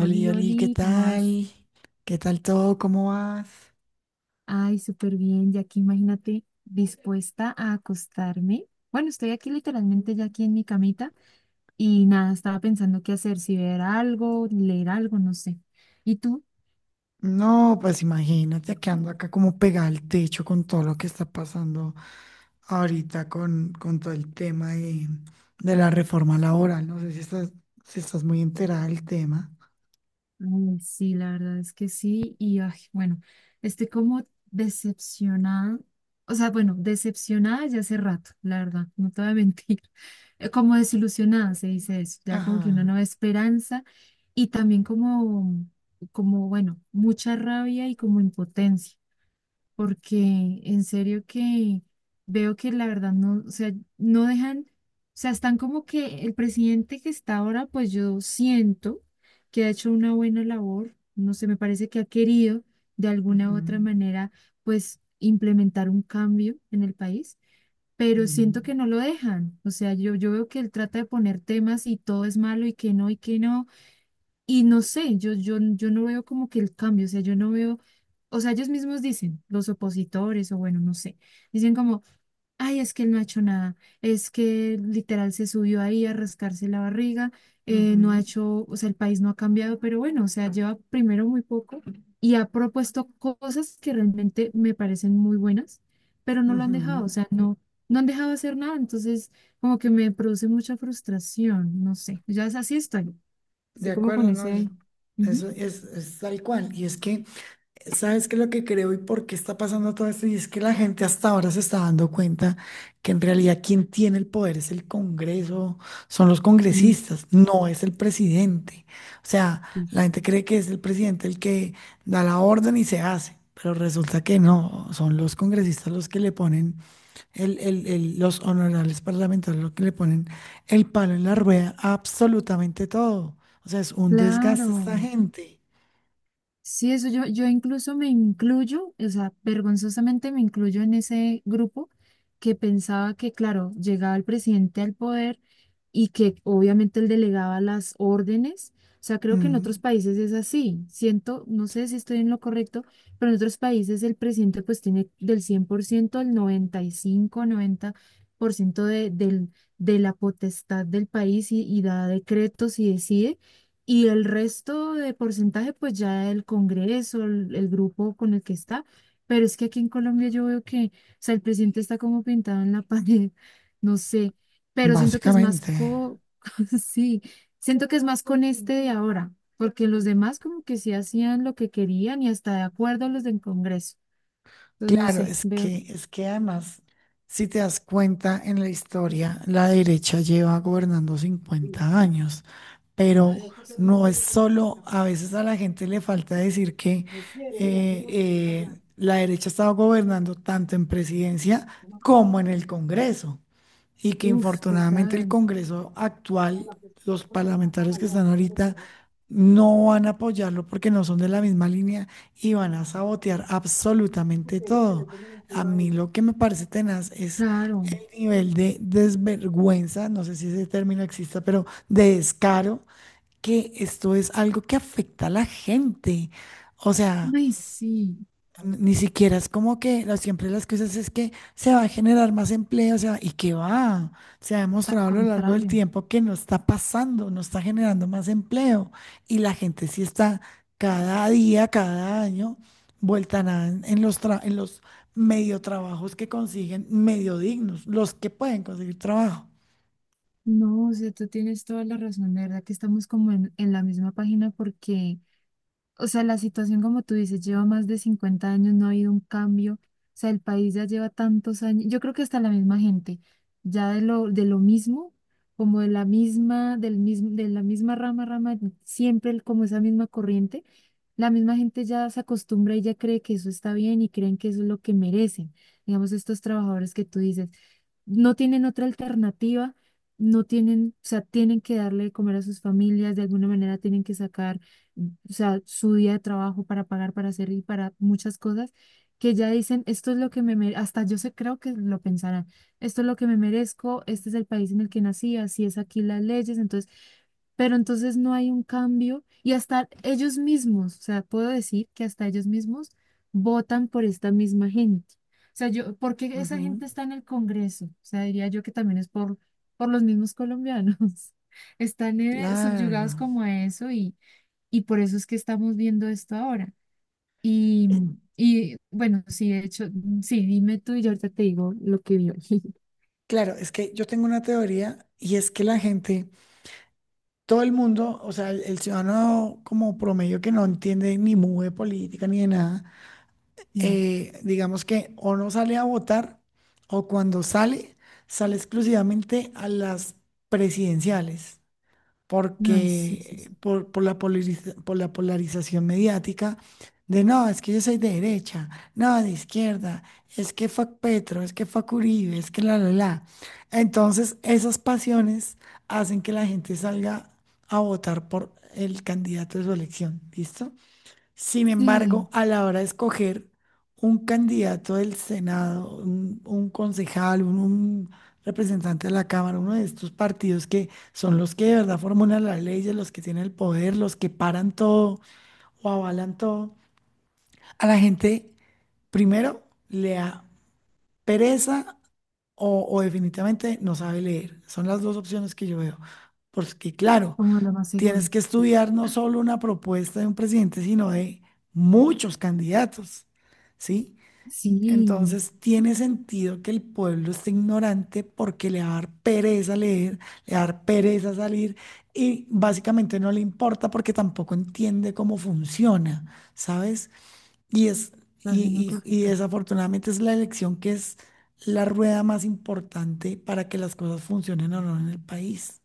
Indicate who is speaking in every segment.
Speaker 1: Oli, Oli, ¿qué
Speaker 2: Oli, ¿cómo vas?
Speaker 1: tal? ¿Qué tal todo? ¿Cómo vas?
Speaker 2: Ay, súper bien, ya aquí imagínate, dispuesta a acostarme. Bueno, estoy aquí literalmente ya aquí en mi camita y nada, estaba pensando qué hacer, si ver algo, leer algo, no sé. ¿Y tú?
Speaker 1: No, pues imagínate que ando acá como pegada al techo con todo lo que está pasando ahorita con todo el tema de la reforma laboral. No sé si estás, si estás muy enterada del tema.
Speaker 2: Ay, sí, la verdad es que sí. Y ay, bueno, estoy como decepcionada. O sea, bueno, decepcionada ya hace rato, la verdad, no te voy a mentir. Como desilusionada se dice eso, ya como que una
Speaker 1: Ajá.
Speaker 2: nueva esperanza y también como, bueno, mucha rabia y como impotencia porque en serio que veo que la verdad no, o sea, no dejan, o sea, están como que el presidente que está ahora, pues yo siento que ha hecho una buena labor, no sé, me parece que ha querido de alguna
Speaker 1: Ujú.
Speaker 2: u otra manera, pues implementar un cambio en el país, pero siento
Speaker 1: Ujú.
Speaker 2: que no lo dejan, o sea, yo veo que él trata de poner temas y todo es malo y que no, y que no. Y no sé, yo no veo como que el cambio, o sea, yo no veo, o sea, ellos mismos dicen, los opositores, o bueno, no sé, dicen como, ay, es que él no ha hecho nada, es que literal se subió ahí a rascarse la barriga, no ha
Speaker 1: Ujú.
Speaker 2: hecho, o sea, el país no ha cambiado, pero bueno, o sea, lleva primero muy poco y ha propuesto cosas que realmente me parecen muy buenas, pero no lo han dejado, o
Speaker 1: Ujú.
Speaker 2: sea, no, no han dejado hacer nada, entonces como que me produce mucha frustración, no sé, ya es así estoy.
Speaker 1: De
Speaker 2: Así como con
Speaker 1: acuerdo, ¿no?
Speaker 2: ese, ujú.
Speaker 1: Eso es tal cual. Y es que ¿sabes qué es lo que creo y por qué está pasando todo esto? Y es que la gente hasta ahora se está dando cuenta que en realidad quien tiene el poder es el Congreso, son los
Speaker 2: Mm,
Speaker 1: congresistas, no es el presidente. O sea,
Speaker 2: sí,
Speaker 1: la
Speaker 2: sí.
Speaker 1: gente cree que es el presidente el que da la orden y se hace, pero resulta que no, son los congresistas los que le ponen, el los honorables parlamentarios los que le ponen el palo en la rueda a absolutamente todo. O sea, es un
Speaker 2: Claro,
Speaker 1: desgaste esta gente.
Speaker 2: sí, eso yo incluso me incluyo, o sea, vergonzosamente me incluyo en ese grupo que pensaba que, claro, llegaba el presidente al poder y que obviamente él delegaba las órdenes. O sea, creo que en
Speaker 1: Mm.
Speaker 2: otros países es así. Siento, no sé si estoy en lo correcto, pero en otros países el presidente pues tiene del 100% al 90 95 90% de, del, de la potestad del país y da decretos y decide. Y el resto de porcentaje, pues ya el Congreso, el grupo con el que está. Pero es que aquí en Colombia yo veo que, o sea, el presidente está como pintado en la pared, no sé, pero siento que es más
Speaker 1: Básicamente.
Speaker 2: sí, siento que es más con este de ahora, porque los demás como que sí hacían lo que querían y hasta de acuerdo a los del Congreso. Entonces, no
Speaker 1: Claro,
Speaker 2: sé,
Speaker 1: es
Speaker 2: veo.
Speaker 1: que, es que además, si te das cuenta en la historia, la derecha lleva gobernando 50 años,
Speaker 2: Uf,
Speaker 1: pero no es
Speaker 2: sí.
Speaker 1: solo, a veces a la gente le falta decir que la derecha ha estado gobernando tanto en presidencia como en el Congreso y que
Speaker 2: Uf,
Speaker 1: infortunadamente el
Speaker 2: total,
Speaker 1: Congreso actual, los parlamentarios que están ahorita, no van a apoyarlo porque no son de la misma línea y van a sabotear absolutamente todo. A mí lo que me parece tenaz es
Speaker 2: claro.
Speaker 1: el nivel de desvergüenza, no sé si ese término exista, pero de descaro, que esto es algo que afecta a la gente. O sea...
Speaker 2: Ay, sí,
Speaker 1: Ni siquiera es como que la- siempre las cosas es que se va a generar más empleo, o sea, y qué va, se ha
Speaker 2: al
Speaker 1: demostrado a lo largo del
Speaker 2: contrario.
Speaker 1: tiempo que no está pasando, no está generando más empleo y la gente sí está cada día, cada año, vuelta a nada en los medio trabajos que consiguen, medio dignos, los que pueden conseguir trabajo.
Speaker 2: No, o sea, tú tienes toda la razón, de verdad que estamos como en la misma página porque o sea, la situación, como tú dices, lleva más de 50 años, no ha habido un cambio. O sea, el país ya lleva tantos años. Yo creo que hasta la misma gente, ya de lo mismo, como de la misma, del mismo, de la misma rama, rama, siempre el- como esa misma corriente, la misma gente ya se acostumbra y ya cree que eso está bien y creen que eso es lo que merecen. Digamos, estos trabajadores que tú dices, no tienen otra alternativa, no tienen, o sea, tienen que darle de comer a sus familias, de alguna manera tienen que sacar o sea, su día de trabajo para pagar, para hacer y para muchas cosas, que ya dicen, esto es lo que me merezco, hasta yo sé, creo que lo pensarán, esto es lo que me merezco, este es el país en el que nací, así es aquí las leyes, entonces, pero entonces no hay un cambio y hasta ellos mismos, o sea, puedo decir que hasta ellos mismos votan por esta misma gente. O sea, yo, ¿por qué esa
Speaker 1: Ujú.
Speaker 2: gente está en el Congreso? O sea, diría yo que también es por los mismos colombianos. Están subyugados
Speaker 1: Claro,
Speaker 2: como a eso y por eso es que estamos viendo esto ahora. Y, y bueno, sí, de hecho, sí, dime tú y yo ahorita te digo lo que vio.
Speaker 1: claro, es que yo tengo una teoría y es que la gente todo el mundo, o sea, el ciudadano como promedio que no entiende ni mueve política ni de nada,
Speaker 2: Sí.
Speaker 1: digamos que o no sale a votar o cuando sale, sale exclusivamente a las presidenciales
Speaker 2: Ay, sí, sí,
Speaker 1: porque
Speaker 2: sí.
Speaker 1: por la polarización mediática de no, es que yo soy de derecha, no, de izquierda, es que fue Petro, es que fue Uribe, es que la. Entonces, esas pasiones hacen que la gente salga a votar por el candidato de su elección, ¿listo? Sin
Speaker 2: Sí,
Speaker 1: embargo, a la hora de escoger un candidato del Senado, un concejal, un representante de la Cámara, uno de estos partidos que son los que de verdad formulan las leyes, los que tienen el poder, los que paran todo o avalan todo, a la gente primero le da pereza o definitivamente no sabe leer. Son las dos opciones que yo veo. Porque claro,
Speaker 2: como lo más seguro.
Speaker 1: tienes que estudiar no solo una propuesta de un presidente, sino de muchos candidatos, ¿sí?
Speaker 2: Sí,
Speaker 1: Entonces tiene sentido que el pueblo esté ignorante porque le va a dar pereza leer, le va a dar pereza salir y básicamente no le importa porque tampoco entiende cómo funciona, ¿sabes? Y es,
Speaker 2: estás haciendo
Speaker 1: y
Speaker 2: correcto.
Speaker 1: desafortunadamente es la elección que es la rueda más importante para que las cosas funcionen o no en el país.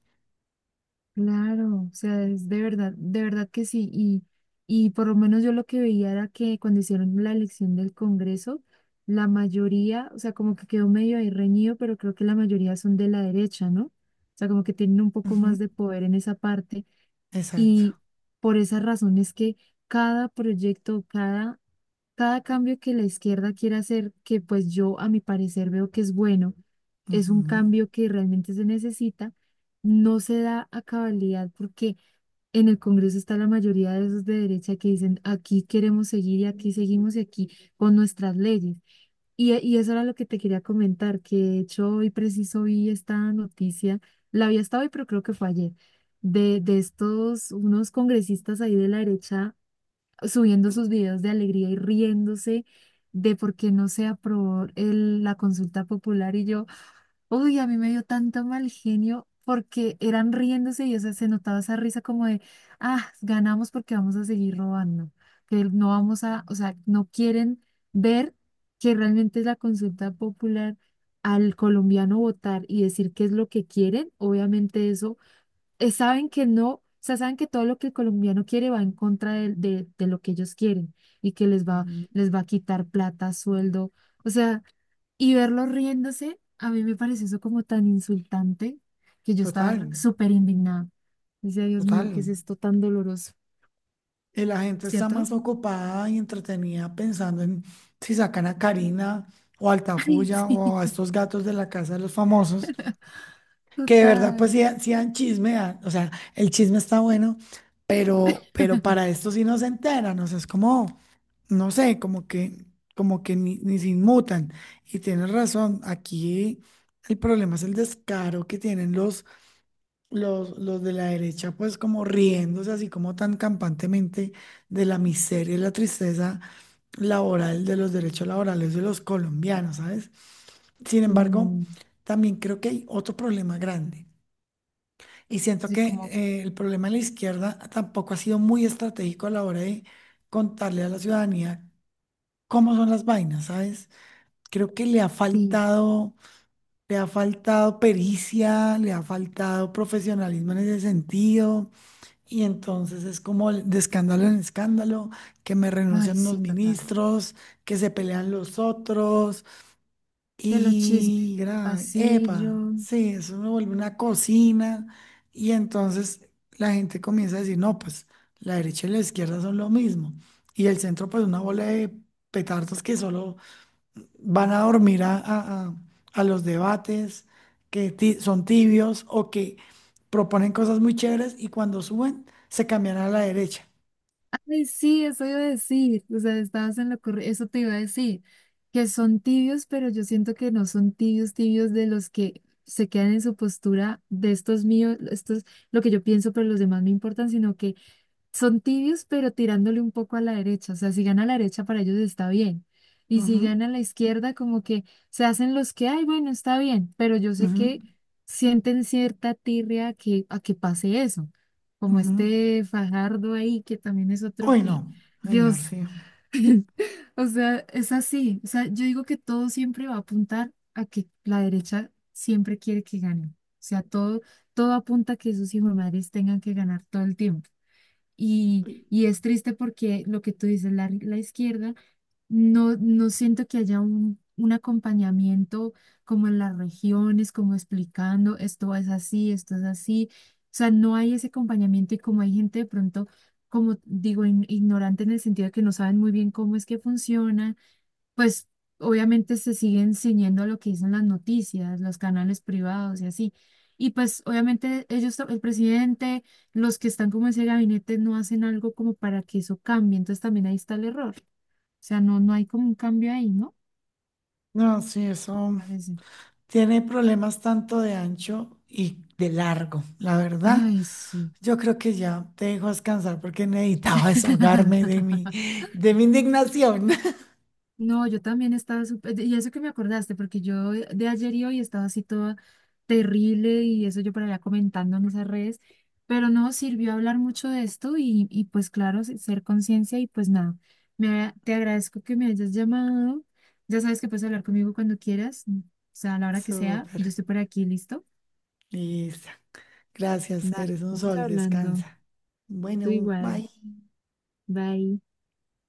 Speaker 2: Claro, o sea, es de verdad que sí. Y por lo menos yo lo que veía era que cuando hicieron la elección del Congreso, la mayoría, o sea, como que quedó medio ahí reñido, pero creo que la mayoría son de la derecha, ¿no? O sea, como que tienen un poco
Speaker 1: Ujú.
Speaker 2: más de poder en esa parte.
Speaker 1: Exacto.
Speaker 2: Y por esa razón es que cada proyecto, cada cambio que la izquierda quiere hacer, que pues yo a mi parecer veo que es bueno, es un
Speaker 1: Ujú.
Speaker 2: cambio que realmente se necesita, no se da a cabalidad porque en el Congreso está la mayoría de esos de derecha que dicen aquí queremos seguir y aquí seguimos y aquí con nuestras leyes. Y eso era lo que te quería comentar, que de hecho hoy preciso vi esta noticia, la había estado hoy, pero creo que fue ayer, de estos, unos congresistas ahí de la derecha subiendo sus videos de alegría y riéndose de por qué no se aprobó el- la consulta popular y yo, uy, a mí me dio tanto mal genio porque eran riéndose y o sea, se notaba esa risa como de, ah, ganamos porque vamos a seguir robando, que no vamos a, o sea, no quieren ver que realmente es la consulta popular al colombiano votar y decir qué es lo que quieren, obviamente eso saben que no, o sea, saben que todo lo que el colombiano quiere va en contra de lo que ellos quieren y que les va,
Speaker 1: Ujú.
Speaker 2: les va a quitar plata, sueldo, o sea, y verlos riéndose, a mí me pareció eso como tan insultante que yo estaba
Speaker 1: Total.
Speaker 2: súper indignada. Dice, Dios mío, ¿qué es
Speaker 1: Total.
Speaker 2: esto tan doloroso?
Speaker 1: Y la gente está
Speaker 2: ¿Cierto?
Speaker 1: más ocupada y entretenida pensando en si sacan a Karina o a
Speaker 2: Ay,
Speaker 1: Altafulla
Speaker 2: sí,
Speaker 1: o a estos gatos de la casa de los famosos, que de verdad pues
Speaker 2: total.
Speaker 1: sí, sí dan chisme, o sea, el chisme está bueno, pero para esto sí no se enteran, o sea, es como, no sé, como que, ni, ni se inmutan. Y tienes razón, aquí el problema es el descaro que tienen los de la derecha, pues como riéndose así como tan campantemente de la miseria y la tristeza laboral de los derechos laborales de los colombianos, ¿sabes? Sin embargo,
Speaker 2: Mm,
Speaker 1: también creo que hay otro problema grande. Y siento
Speaker 2: sí,
Speaker 1: que
Speaker 2: como,
Speaker 1: el problema de la izquierda tampoco ha sido muy estratégico a la hora de contarle a la ciudadanía cómo son las vainas, ¿sabes? Creo que
Speaker 2: sí,
Speaker 1: le ha faltado pericia, le ha faltado profesionalismo en ese sentido. Y entonces es como el- de escándalo en escándalo, que me
Speaker 2: ay,
Speaker 1: renuncian los
Speaker 2: sí, total.
Speaker 1: ministros, que se pelean los otros,
Speaker 2: Que los chismes
Speaker 1: y
Speaker 2: de
Speaker 1: gra- epa,
Speaker 2: pasillo.
Speaker 1: sí, eso me vuelve una cocina. Y entonces la gente comienza a decir, no, pues la derecha y la izquierda son lo mismo. Y el centro, pues una bola de petardos que solo van a dormir a los debates que son tibios o que proponen cosas muy chéveres y cuando suben se cambian a la derecha.
Speaker 2: Ay, sí, eso iba a decir, o sea, estabas en lo correcto, eso te iba a decir, que son tibios, pero yo siento que no son tibios, tibios de los que se quedan en su postura de estos míos, estos, lo que yo pienso, pero los demás me importan, sino que son tibios, pero tirándole un poco a la derecha. O sea, si gana la derecha, para ellos está bien. Y
Speaker 1: Ujú.
Speaker 2: si gana la izquierda, como que se hacen los que, ay, bueno, está bien. Pero yo sé
Speaker 1: Ujú.
Speaker 2: que sienten cierta tirria a que pase eso. Como
Speaker 1: Ujú.
Speaker 2: este Fajardo ahí, que también es otro
Speaker 1: Uy,
Speaker 2: que,
Speaker 1: no, señor,
Speaker 2: Dios,
Speaker 1: sí.
Speaker 2: o sea, es así. O sea, yo digo que todo siempre va a apuntar a que la derecha siempre quiere que gane. O sea, todo, todo apunta a que esos hijos madres tengan que ganar todo el tiempo. Y,
Speaker 1: Uy,
Speaker 2: y es triste porque lo que tú dices, la izquierda, no, no siento que haya un acompañamiento como en las regiones, como explicando esto es así, esto es así. O sea, no hay ese acompañamiento y como hay gente de pronto, como digo, ignorante en el sentido de que no saben muy bien cómo es que funciona pues obviamente se siguen ciñendo a lo que dicen las noticias, los canales privados y así. Y pues obviamente ellos, el presidente, los que están como en ese gabinete no hacen algo como para que eso cambie. Entonces también ahí está el error. O sea, no, no hay como un cambio ahí, ¿no?
Speaker 1: no, sí, eso
Speaker 2: Parece.
Speaker 1: tiene problemas tanto de ancho y de largo, la verdad.
Speaker 2: Ay, sí.
Speaker 1: Yo creo que ya te dejo descansar porque necesitaba desahogarme de mi indignación.
Speaker 2: No, yo también estaba súper, y eso que me acordaste, porque yo de ayer y hoy estaba así toda terrible y eso yo por allá comentando en esas redes, pero no sirvió hablar mucho de esto y pues claro, ser conciencia y pues nada, me, te agradezco que me hayas llamado, ya sabes que puedes hablar conmigo cuando quieras, o sea, a la hora que sea,
Speaker 1: Súper.
Speaker 2: yo estoy por aquí, ¿listo?
Speaker 1: Lisa. Gracias,
Speaker 2: Va,
Speaker 1: eres un
Speaker 2: vamos
Speaker 1: sol,
Speaker 2: hablando,
Speaker 1: descansa.
Speaker 2: tú
Speaker 1: Bueno,
Speaker 2: igual,
Speaker 1: bye.
Speaker 2: bye.